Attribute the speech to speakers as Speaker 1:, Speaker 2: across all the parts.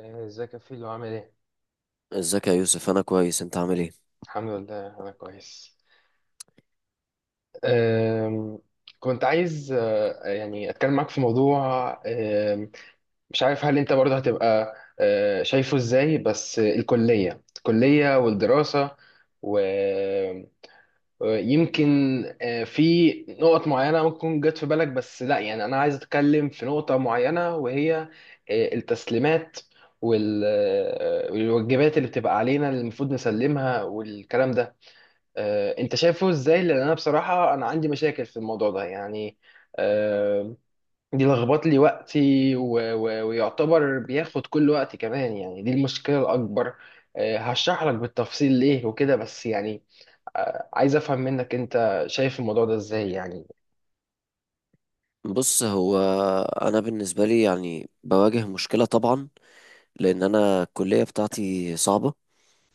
Speaker 1: إيه، ازيك يا فيلو عامل ايه؟
Speaker 2: ازيك يا يوسف؟ انا كويس، انت عامل ايه؟
Speaker 1: الحمد لله انا كويس. أم، كنت عايز يعني اتكلم معاك في موضوع. أم، مش عارف هل انت برضه هتبقى شايفه ازاي، بس الكلية والدراسة، و- ويمكن في نقط معينة ممكن تكون جت في بالك، بس لا يعني انا عايز اتكلم في نقطة معينة، وهي التسليمات وال- أه، والواجبات اللي بتبقى علينا اللي المفروض نسلمها والكلام ده. انت شايفه ازاي؟ لان انا بصراحه انا عندي مشاكل في الموضوع ده يعني. آه، دي لخبط لي وقتي ويعتبر بياخد كل وقتي كمان يعني، دي المشكله الاكبر. هشرح لك بالتفصيل ليه وكده، بس يعني عايز افهم منك، انت شايف الموضوع ده ازاي يعني.
Speaker 2: بص، هو انا بالنسبه لي يعني بواجه مشكله طبعا، لان انا الكليه بتاعتي صعبه.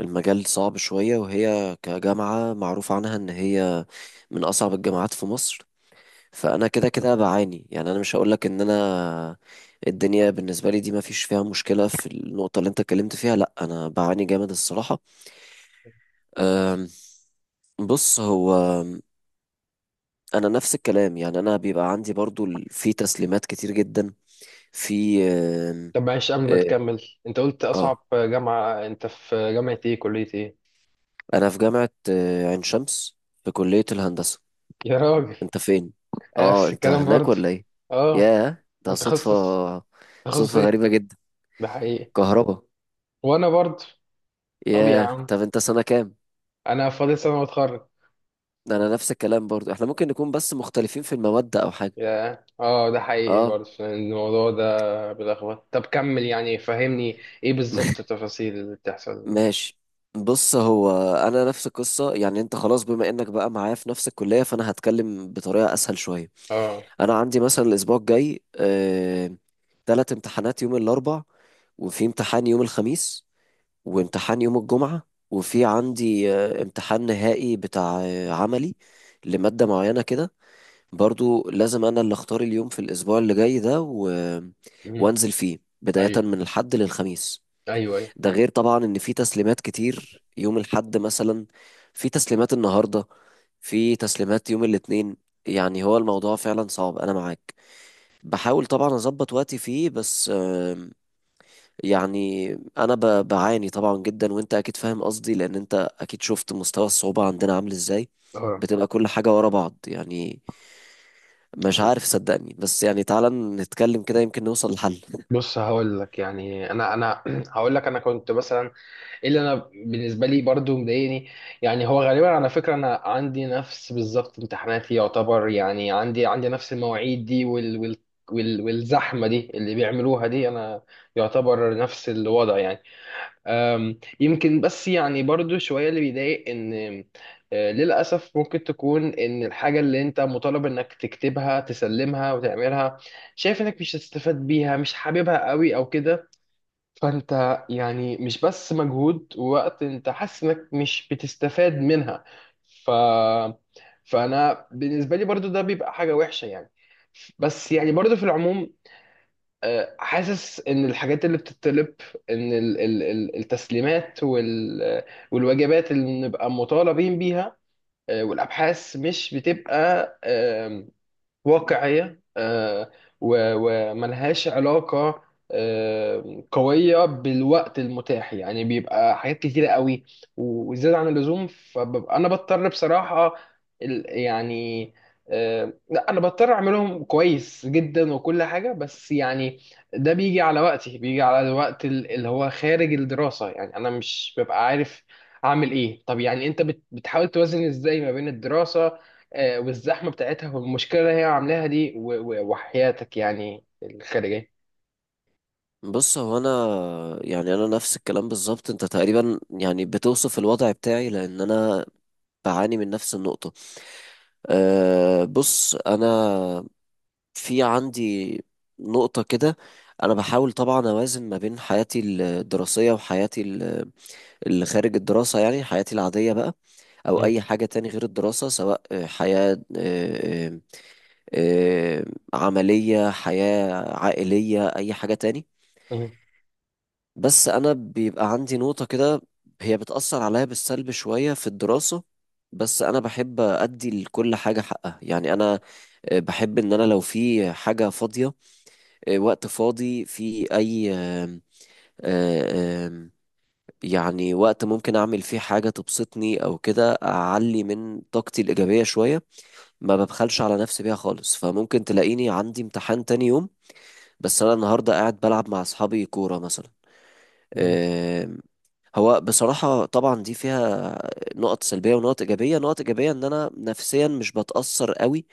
Speaker 2: المجال صعب شويه، وهي كجامعه معروف عنها ان هي من اصعب الجامعات في مصر. فانا كده كده بعاني، يعني انا مش هقولك ان انا الدنيا بالنسبه لي دي ما فيش فيها مشكله في النقطه اللي انت اتكلمت فيها. لا، انا بعاني جامد الصراحه. أم، بص، هو انا نفس الكلام. يعني انا بيبقى عندي برضو في تسليمات كتير جدا، في
Speaker 1: طب معلش قبل ما
Speaker 2: اه.
Speaker 1: تكمل، انت قلت
Speaker 2: آه.
Speaker 1: اصعب جامعه، انت في جامعه ايه؟ كليه ايه؟
Speaker 2: انا في جامعة عين شمس، في كلية الهندسة.
Speaker 1: يا راجل،
Speaker 2: انت فين؟
Speaker 1: أنا
Speaker 2: اه،
Speaker 1: نفس
Speaker 2: انت
Speaker 1: الكلام
Speaker 2: هناك
Speaker 1: برضه.
Speaker 2: ولا ايه؟
Speaker 1: اه،
Speaker 2: ياه، ده
Speaker 1: انت تخصص
Speaker 2: صدفة.
Speaker 1: تخصص
Speaker 2: صدفة
Speaker 1: ايه؟
Speaker 2: غريبة جدا.
Speaker 1: ده حقيقي،
Speaker 2: كهربا.
Speaker 1: وانا برضه. طب يا
Speaker 2: ياه،
Speaker 1: عم،
Speaker 2: طب انت سنة كام؟
Speaker 1: انا فاضل سنه واتخرج.
Speaker 2: ده انا نفس الكلام برضو، احنا ممكن نكون بس مختلفين في المواد او حاجة.
Speaker 1: يا ده حقيقي
Speaker 2: اه.
Speaker 1: برضه، الموضوع ده بيلخبط. طب كمل يعني، فهمني ايه بالظبط التفاصيل اللي بتحصل.
Speaker 2: ماشي. بص، هو انا نفس القصه. يعني انت خلاص بما انك بقى معايا في نفس الكليه، فانا هتكلم بطريقه اسهل شويه.
Speaker 1: اه.
Speaker 2: انا عندي مثلا الاسبوع الجاي تلات امتحانات يوم الاربع، وفي امتحان يوم الخميس، وامتحان يوم الجمعه، وفي عندي امتحان نهائي بتاع عملي لماده معينه كده. برضو لازم انا اللي اختار اليوم في الاسبوع اللي جاي ده
Speaker 1: مم.
Speaker 2: وانزل فيه بدايه
Speaker 1: ايوه،
Speaker 2: من الحد للخميس.
Speaker 1: ايوه، ايوه.
Speaker 2: ده غير طبعا ان في تسليمات كتير يوم الاحد مثلا، في تسليمات النهارده، في تسليمات يوم الاثنين. يعني هو الموضوع فعلا صعب، انا معاك. بحاول طبعا اظبط وقتي فيه بس يعني انا بعاني طبعا جدا، وانت اكيد فاهم قصدي، لان انت اكيد شفت مستوى الصعوبة عندنا عامل ازاي.
Speaker 1: اه.
Speaker 2: بتبقى كل حاجة ورا بعض يعني. مش
Speaker 1: أيوة.
Speaker 2: عارف صدقني، بس يعني تعالى نتكلم كده، يمكن نوصل لحل.
Speaker 1: بص هقول لك، يعني انا هقول لك، انا كنت مثلا، اللي انا بالنسبه لي برضو مضايقني، يعني هو غالبا على فكره انا عندي نفس بالظبط امتحاناتي يعتبر، يعني عندي نفس المواعيد دي والزحمه دي اللي بيعملوها دي، انا يعتبر نفس الوضع يعني. يمكن، بس يعني برضو شويه اللي بيضايق ان للاسف ممكن تكون ان الحاجه اللي انت مطالب انك تكتبها تسلمها وتعملها، شايف انك مش هتستفاد بيها، مش حاببها قوي او كده، فانت يعني مش بس مجهود ووقت، انت حاسس انك مش بتستفاد منها. ف فانا بالنسبه لي برضو ده بيبقى حاجه وحشه يعني. بس يعني برضو في العموم، حاسس ان الحاجات اللي بتطلب، ان التسليمات والواجبات اللي بنبقى مطالبين بيها، والابحاث، مش بتبقى واقعية، وملهاش علاقة قوية بالوقت المتاح، يعني بيبقى حاجات كتيرة قوي وزيادة عن اللزوم. فببقى أنا بضطر بصراحة يعني، لا، أنا بضطر أعملهم كويس جدا وكل حاجة، بس يعني ده بيجي على وقتي، بيجي على الوقت اللي هو خارج الدراسة، يعني أنا مش ببقى عارف أعمل إيه. طب يعني أنت بتحاول توازن إزاي ما بين الدراسة والزحمه بتاعتها والمشكله اللي هي عاملاها دي وحياتك يعني الخارجيه؟
Speaker 2: بص، هو انا يعني انا نفس الكلام بالظبط. انت تقريبا يعني بتوصف الوضع بتاعي، لان انا بعاني من نفس النقطة. بص، انا في عندي نقطة كده. انا بحاول طبعا اوازن ما بين حياتي الدراسية وحياتي اللي خارج الدراسة، يعني حياتي العادية بقى، او
Speaker 1: مم.
Speaker 2: اي حاجة تاني غير الدراسة، سواء حياة آه، عملية، حياة عائلية، اي حاجة تاني.
Speaker 1: مم.
Speaker 2: بس انا بيبقى عندي نقطة كده، هي بتأثر عليا بالسلب شوية في الدراسة. بس انا بحب ادي لكل حاجة حقها، يعني انا بحب ان انا لو في حاجة فاضية، وقت فاضي في اي آم، آه، آم، يعني وقت ممكن اعمل فيه حاجة تبسطني او كده، اعلي من طاقتي الإيجابية شوية. ما ببخلش على نفسي بيها خالص، فممكن تلاقيني عندي امتحان تاني يوم، بس انا النهاردة قاعد بلعب مع اصحابي كورة مثلا.
Speaker 1: مم.
Speaker 2: هو بصراحة طبعا دي فيها نقط سلبية ونقط إيجابية. نقط إيجابية إن أنا نفسيا مش بتأثر قوي،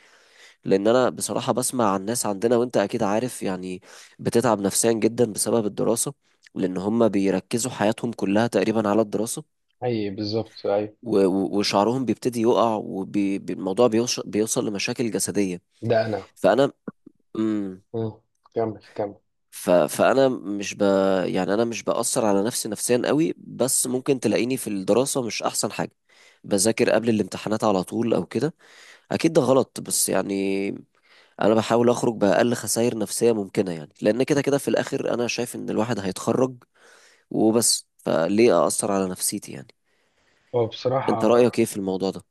Speaker 2: لأن أنا بصراحة بسمع عن ناس عندنا وأنت أكيد عارف، يعني بتتعب نفسيا جدا بسبب الدراسة، لأن هم بيركزوا حياتهم كلها تقريبا على الدراسة،
Speaker 1: اي، بالظبط، اي.
Speaker 2: وشعرهم بيبتدي يقع، والموضوع بيوصل لمشاكل جسدية.
Speaker 1: ده انا.
Speaker 2: فأنا
Speaker 1: مم. كمل، كمل.
Speaker 2: ف... فانا مش ب... يعني انا مش باثر على نفسي نفسيا قوي، بس ممكن تلاقيني في الدراسه مش احسن حاجه، بذاكر قبل الامتحانات على طول او كده. اكيد ده غلط، بس يعني انا بحاول اخرج باقل خسائر نفسيه ممكنه، يعني لان كده كده في الاخر انا شايف ان الواحد هيتخرج وبس، فليه اثر على نفسيتي يعني؟
Speaker 1: هو
Speaker 2: انت
Speaker 1: بصراحه،
Speaker 2: رايك ايه في الموضوع ده؟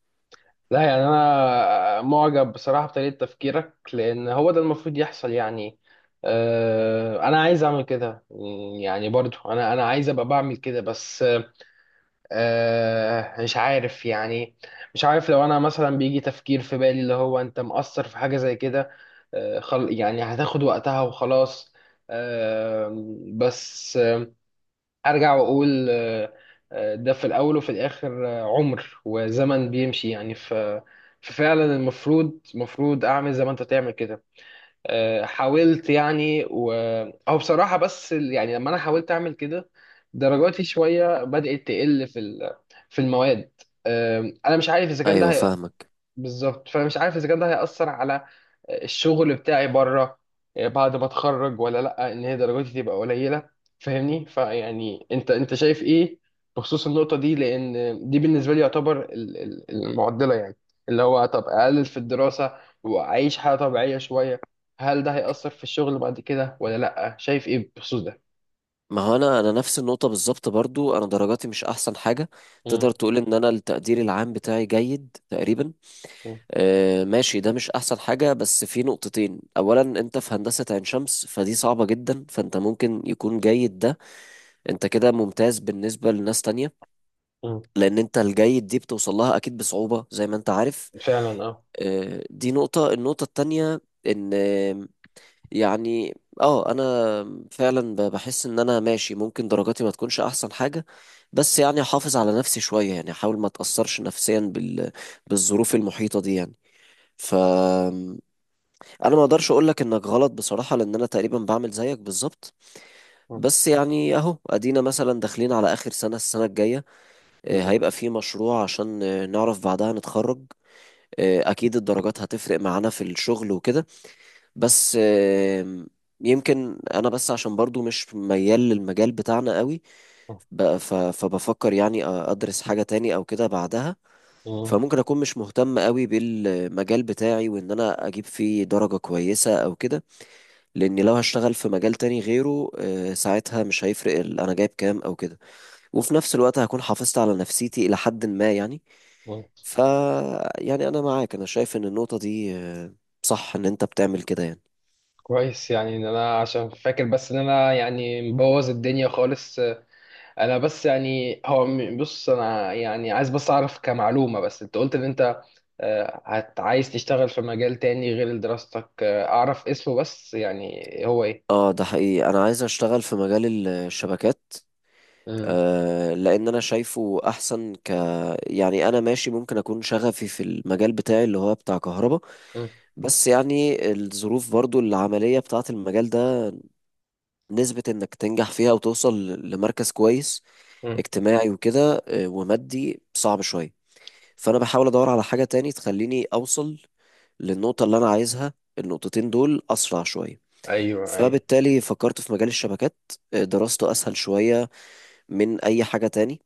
Speaker 1: لا يعني انا معجب بصراحه بطريقه تفكيرك، لان هو ده المفروض يحصل يعني. انا عايز اعمل كده، يعني برضو انا عايز ابقى بعمل كده، بس مش عارف يعني، مش عارف لو انا مثلا بيجي تفكير في بالي اللي هو انت مقصر في حاجة زي كده. خل يعني هتاخد وقتها وخلاص. آه بس ارجع واقول. ده في الاول وفي الاخر، عمر وزمن بيمشي يعني. ففعلا المفروض اعمل زي ما انت تعمل كده. حاولت يعني او بصراحه، بس يعني لما انا حاولت اعمل كده درجاتي شويه بدات تقل في المواد. انا مش عارف اذا كان ده
Speaker 2: ايوه، فاهمك.
Speaker 1: بالظبط، فانا مش عارف اذا كان ده هياثر على الشغل بتاعي بره بعد ما اتخرج ولا لا، ان هي درجاتي تبقى قليله، فاهمني؟ فيعني انت شايف ايه بخصوص النقطه دي؟ لان دي بالنسبه لي يعتبر المعضله يعني، اللي هو طب اقلل في الدراسه واعيش حياه طبيعيه شويه، هل ده هيأثر في الشغل بعد كده ولا لا؟ شايف ايه بخصوص ده؟
Speaker 2: ما هو انا نفس النقطه بالظبط، برضو انا درجاتي مش احسن حاجه. تقدر
Speaker 1: مم.
Speaker 2: تقول ان انا التقدير العام بتاعي جيد تقريبا.
Speaker 1: مم.
Speaker 2: ماشي، ده مش احسن حاجة، بس في نقطتين. اولا، انت في هندسة عين شمس فدي صعبة جدا، فانت ممكن يكون جيد ده، انت كده ممتاز بالنسبة لناس تانية،
Speaker 1: مم.
Speaker 2: لان انت الجيد دي بتوصل لها اكيد بصعوبة زي ما انت عارف.
Speaker 1: فعلا، اه.
Speaker 2: دي نقطة. النقطة التانية ان يعني اه انا فعلا بحس ان انا ماشي، ممكن درجاتي ما تكونش احسن حاجة، بس يعني احافظ على نفسي شوية، يعني احاول ما اتأثرش نفسيا بالظروف المحيطة دي يعني. ف انا ما اقدرش اقول لك انك غلط بصراحة، لان انا تقريبا بعمل زيك بالظبط.
Speaker 1: مم.
Speaker 2: بس يعني اهو ادينا مثلا داخلين على اخر سنة، السنة الجاية هيبقى
Speaker 1: بالظبط.
Speaker 2: في مشروع، عشان نعرف بعدها نتخرج. اكيد الدرجات هتفرق معانا في الشغل وكده، بس يمكن انا بس عشان برضو مش ميال للمجال بتاعنا قوي،
Speaker 1: مم.
Speaker 2: فبفكر يعني ادرس حاجة تاني او كده بعدها.
Speaker 1: مم.
Speaker 2: فممكن اكون مش مهتم قوي بالمجال بتاعي، وان انا اجيب فيه درجة كويسة او كده، لاني لو هشتغل في مجال تاني غيره ساعتها مش هيفرق انا جايب كام او كده. وفي نفس الوقت هكون حافظت على نفسيتي الى حد ما يعني.
Speaker 1: مم.
Speaker 2: ف يعني انا معاك، انا شايف ان النقطة دي صح ان انت بتعمل كده يعني.
Speaker 1: كويس يعني، ان انا عشان فاكر بس ان انا يعني مبوظ الدنيا خالص. انا بس يعني هو بص، انا يعني عايز بس اعرف كمعلومة، بس انت قلت ان انت عايز تشتغل في مجال تاني غير دراستك، اعرف اسمه بس، يعني هو ايه؟
Speaker 2: اه، ده حقيقي، انا عايز اشتغل في مجال الشبكات.
Speaker 1: مم.
Speaker 2: لان انا شايفه احسن يعني انا ماشي ممكن اكون شغفي في المجال بتاعي اللي هو بتاع كهرباء،
Speaker 1: مم.
Speaker 2: بس يعني الظروف برضو العملية بتاعت المجال ده، نسبة انك تنجح فيها وتوصل لمركز كويس
Speaker 1: مم.
Speaker 2: اجتماعي وكده، ومادي، صعب شوية. فانا بحاول ادور على حاجة تاني تخليني اوصل للنقطة اللي انا عايزها، النقطتين دول اسرع شوية.
Speaker 1: ايوه، ايوه.
Speaker 2: فبالتالي فكرت في مجال الشبكات. دراسته اسهل شوية من اي حاجة تاني،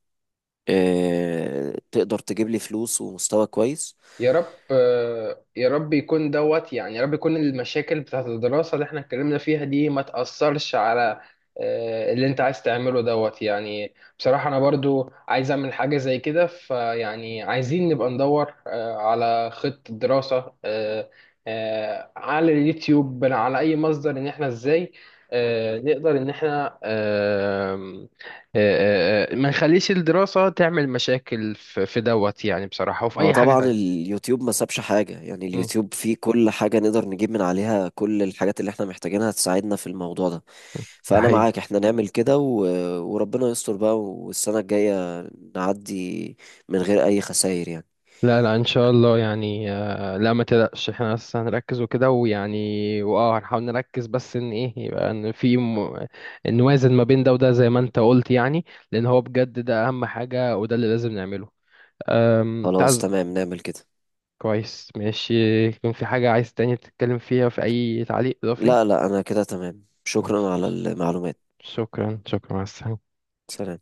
Speaker 2: تقدر تجيب لي فلوس ومستوى كويس.
Speaker 1: يا رب، يا رب يكون دوت يعني، يا رب يكون المشاكل بتاعت الدراسة اللي احنا اتكلمنا فيها دي ما تأثرش على اللي انت عايز تعمله دوت يعني. بصراحة انا برضو عايز اعمل حاجة زي كده، فيعني عايزين نبقى ندور على خطة دراسة، على اليوتيوب، على اي مصدر، ان احنا ازاي نقدر ان احنا، آه، ما نخليش الدراسة تعمل مشاكل في دوت يعني، بصراحة، وفي
Speaker 2: هو
Speaker 1: اي حاجة
Speaker 2: طبعا
Speaker 1: تانية.
Speaker 2: اليوتيوب ما سابش حاجة، يعني
Speaker 1: مم.
Speaker 2: اليوتيوب فيه كل حاجة، نقدر نجيب من عليها كل الحاجات اللي احنا محتاجينها تساعدنا في الموضوع ده.
Speaker 1: ده
Speaker 2: فأنا
Speaker 1: حقيقي.
Speaker 2: معاك، احنا نعمل كده وربنا يستر بقى، والسنة الجاية نعدي من غير أي خسائر يعني.
Speaker 1: لا، لا، ان شاء الله يعني، لا ما تقلقش، احنا بس هنركز وكده، ويعني هنحاول نركز، بس ان ايه، يبقى ان في نوازن ما بين ده وده زي ما انت قلت يعني، لان هو بجد ده اهم حاجة، وده اللي لازم نعمله.
Speaker 2: خلاص،
Speaker 1: تعز.
Speaker 2: تمام، نعمل كده.
Speaker 1: كويس، ماشي. يكون في حاجة عايز تاني تتكلم فيها؟ في اي تعليق اضافي؟
Speaker 2: لا، لا، أنا كده تمام. شكرا على
Speaker 1: ماشي،
Speaker 2: المعلومات.
Speaker 1: شكرا، شكرا، مع السلامة.
Speaker 2: سلام.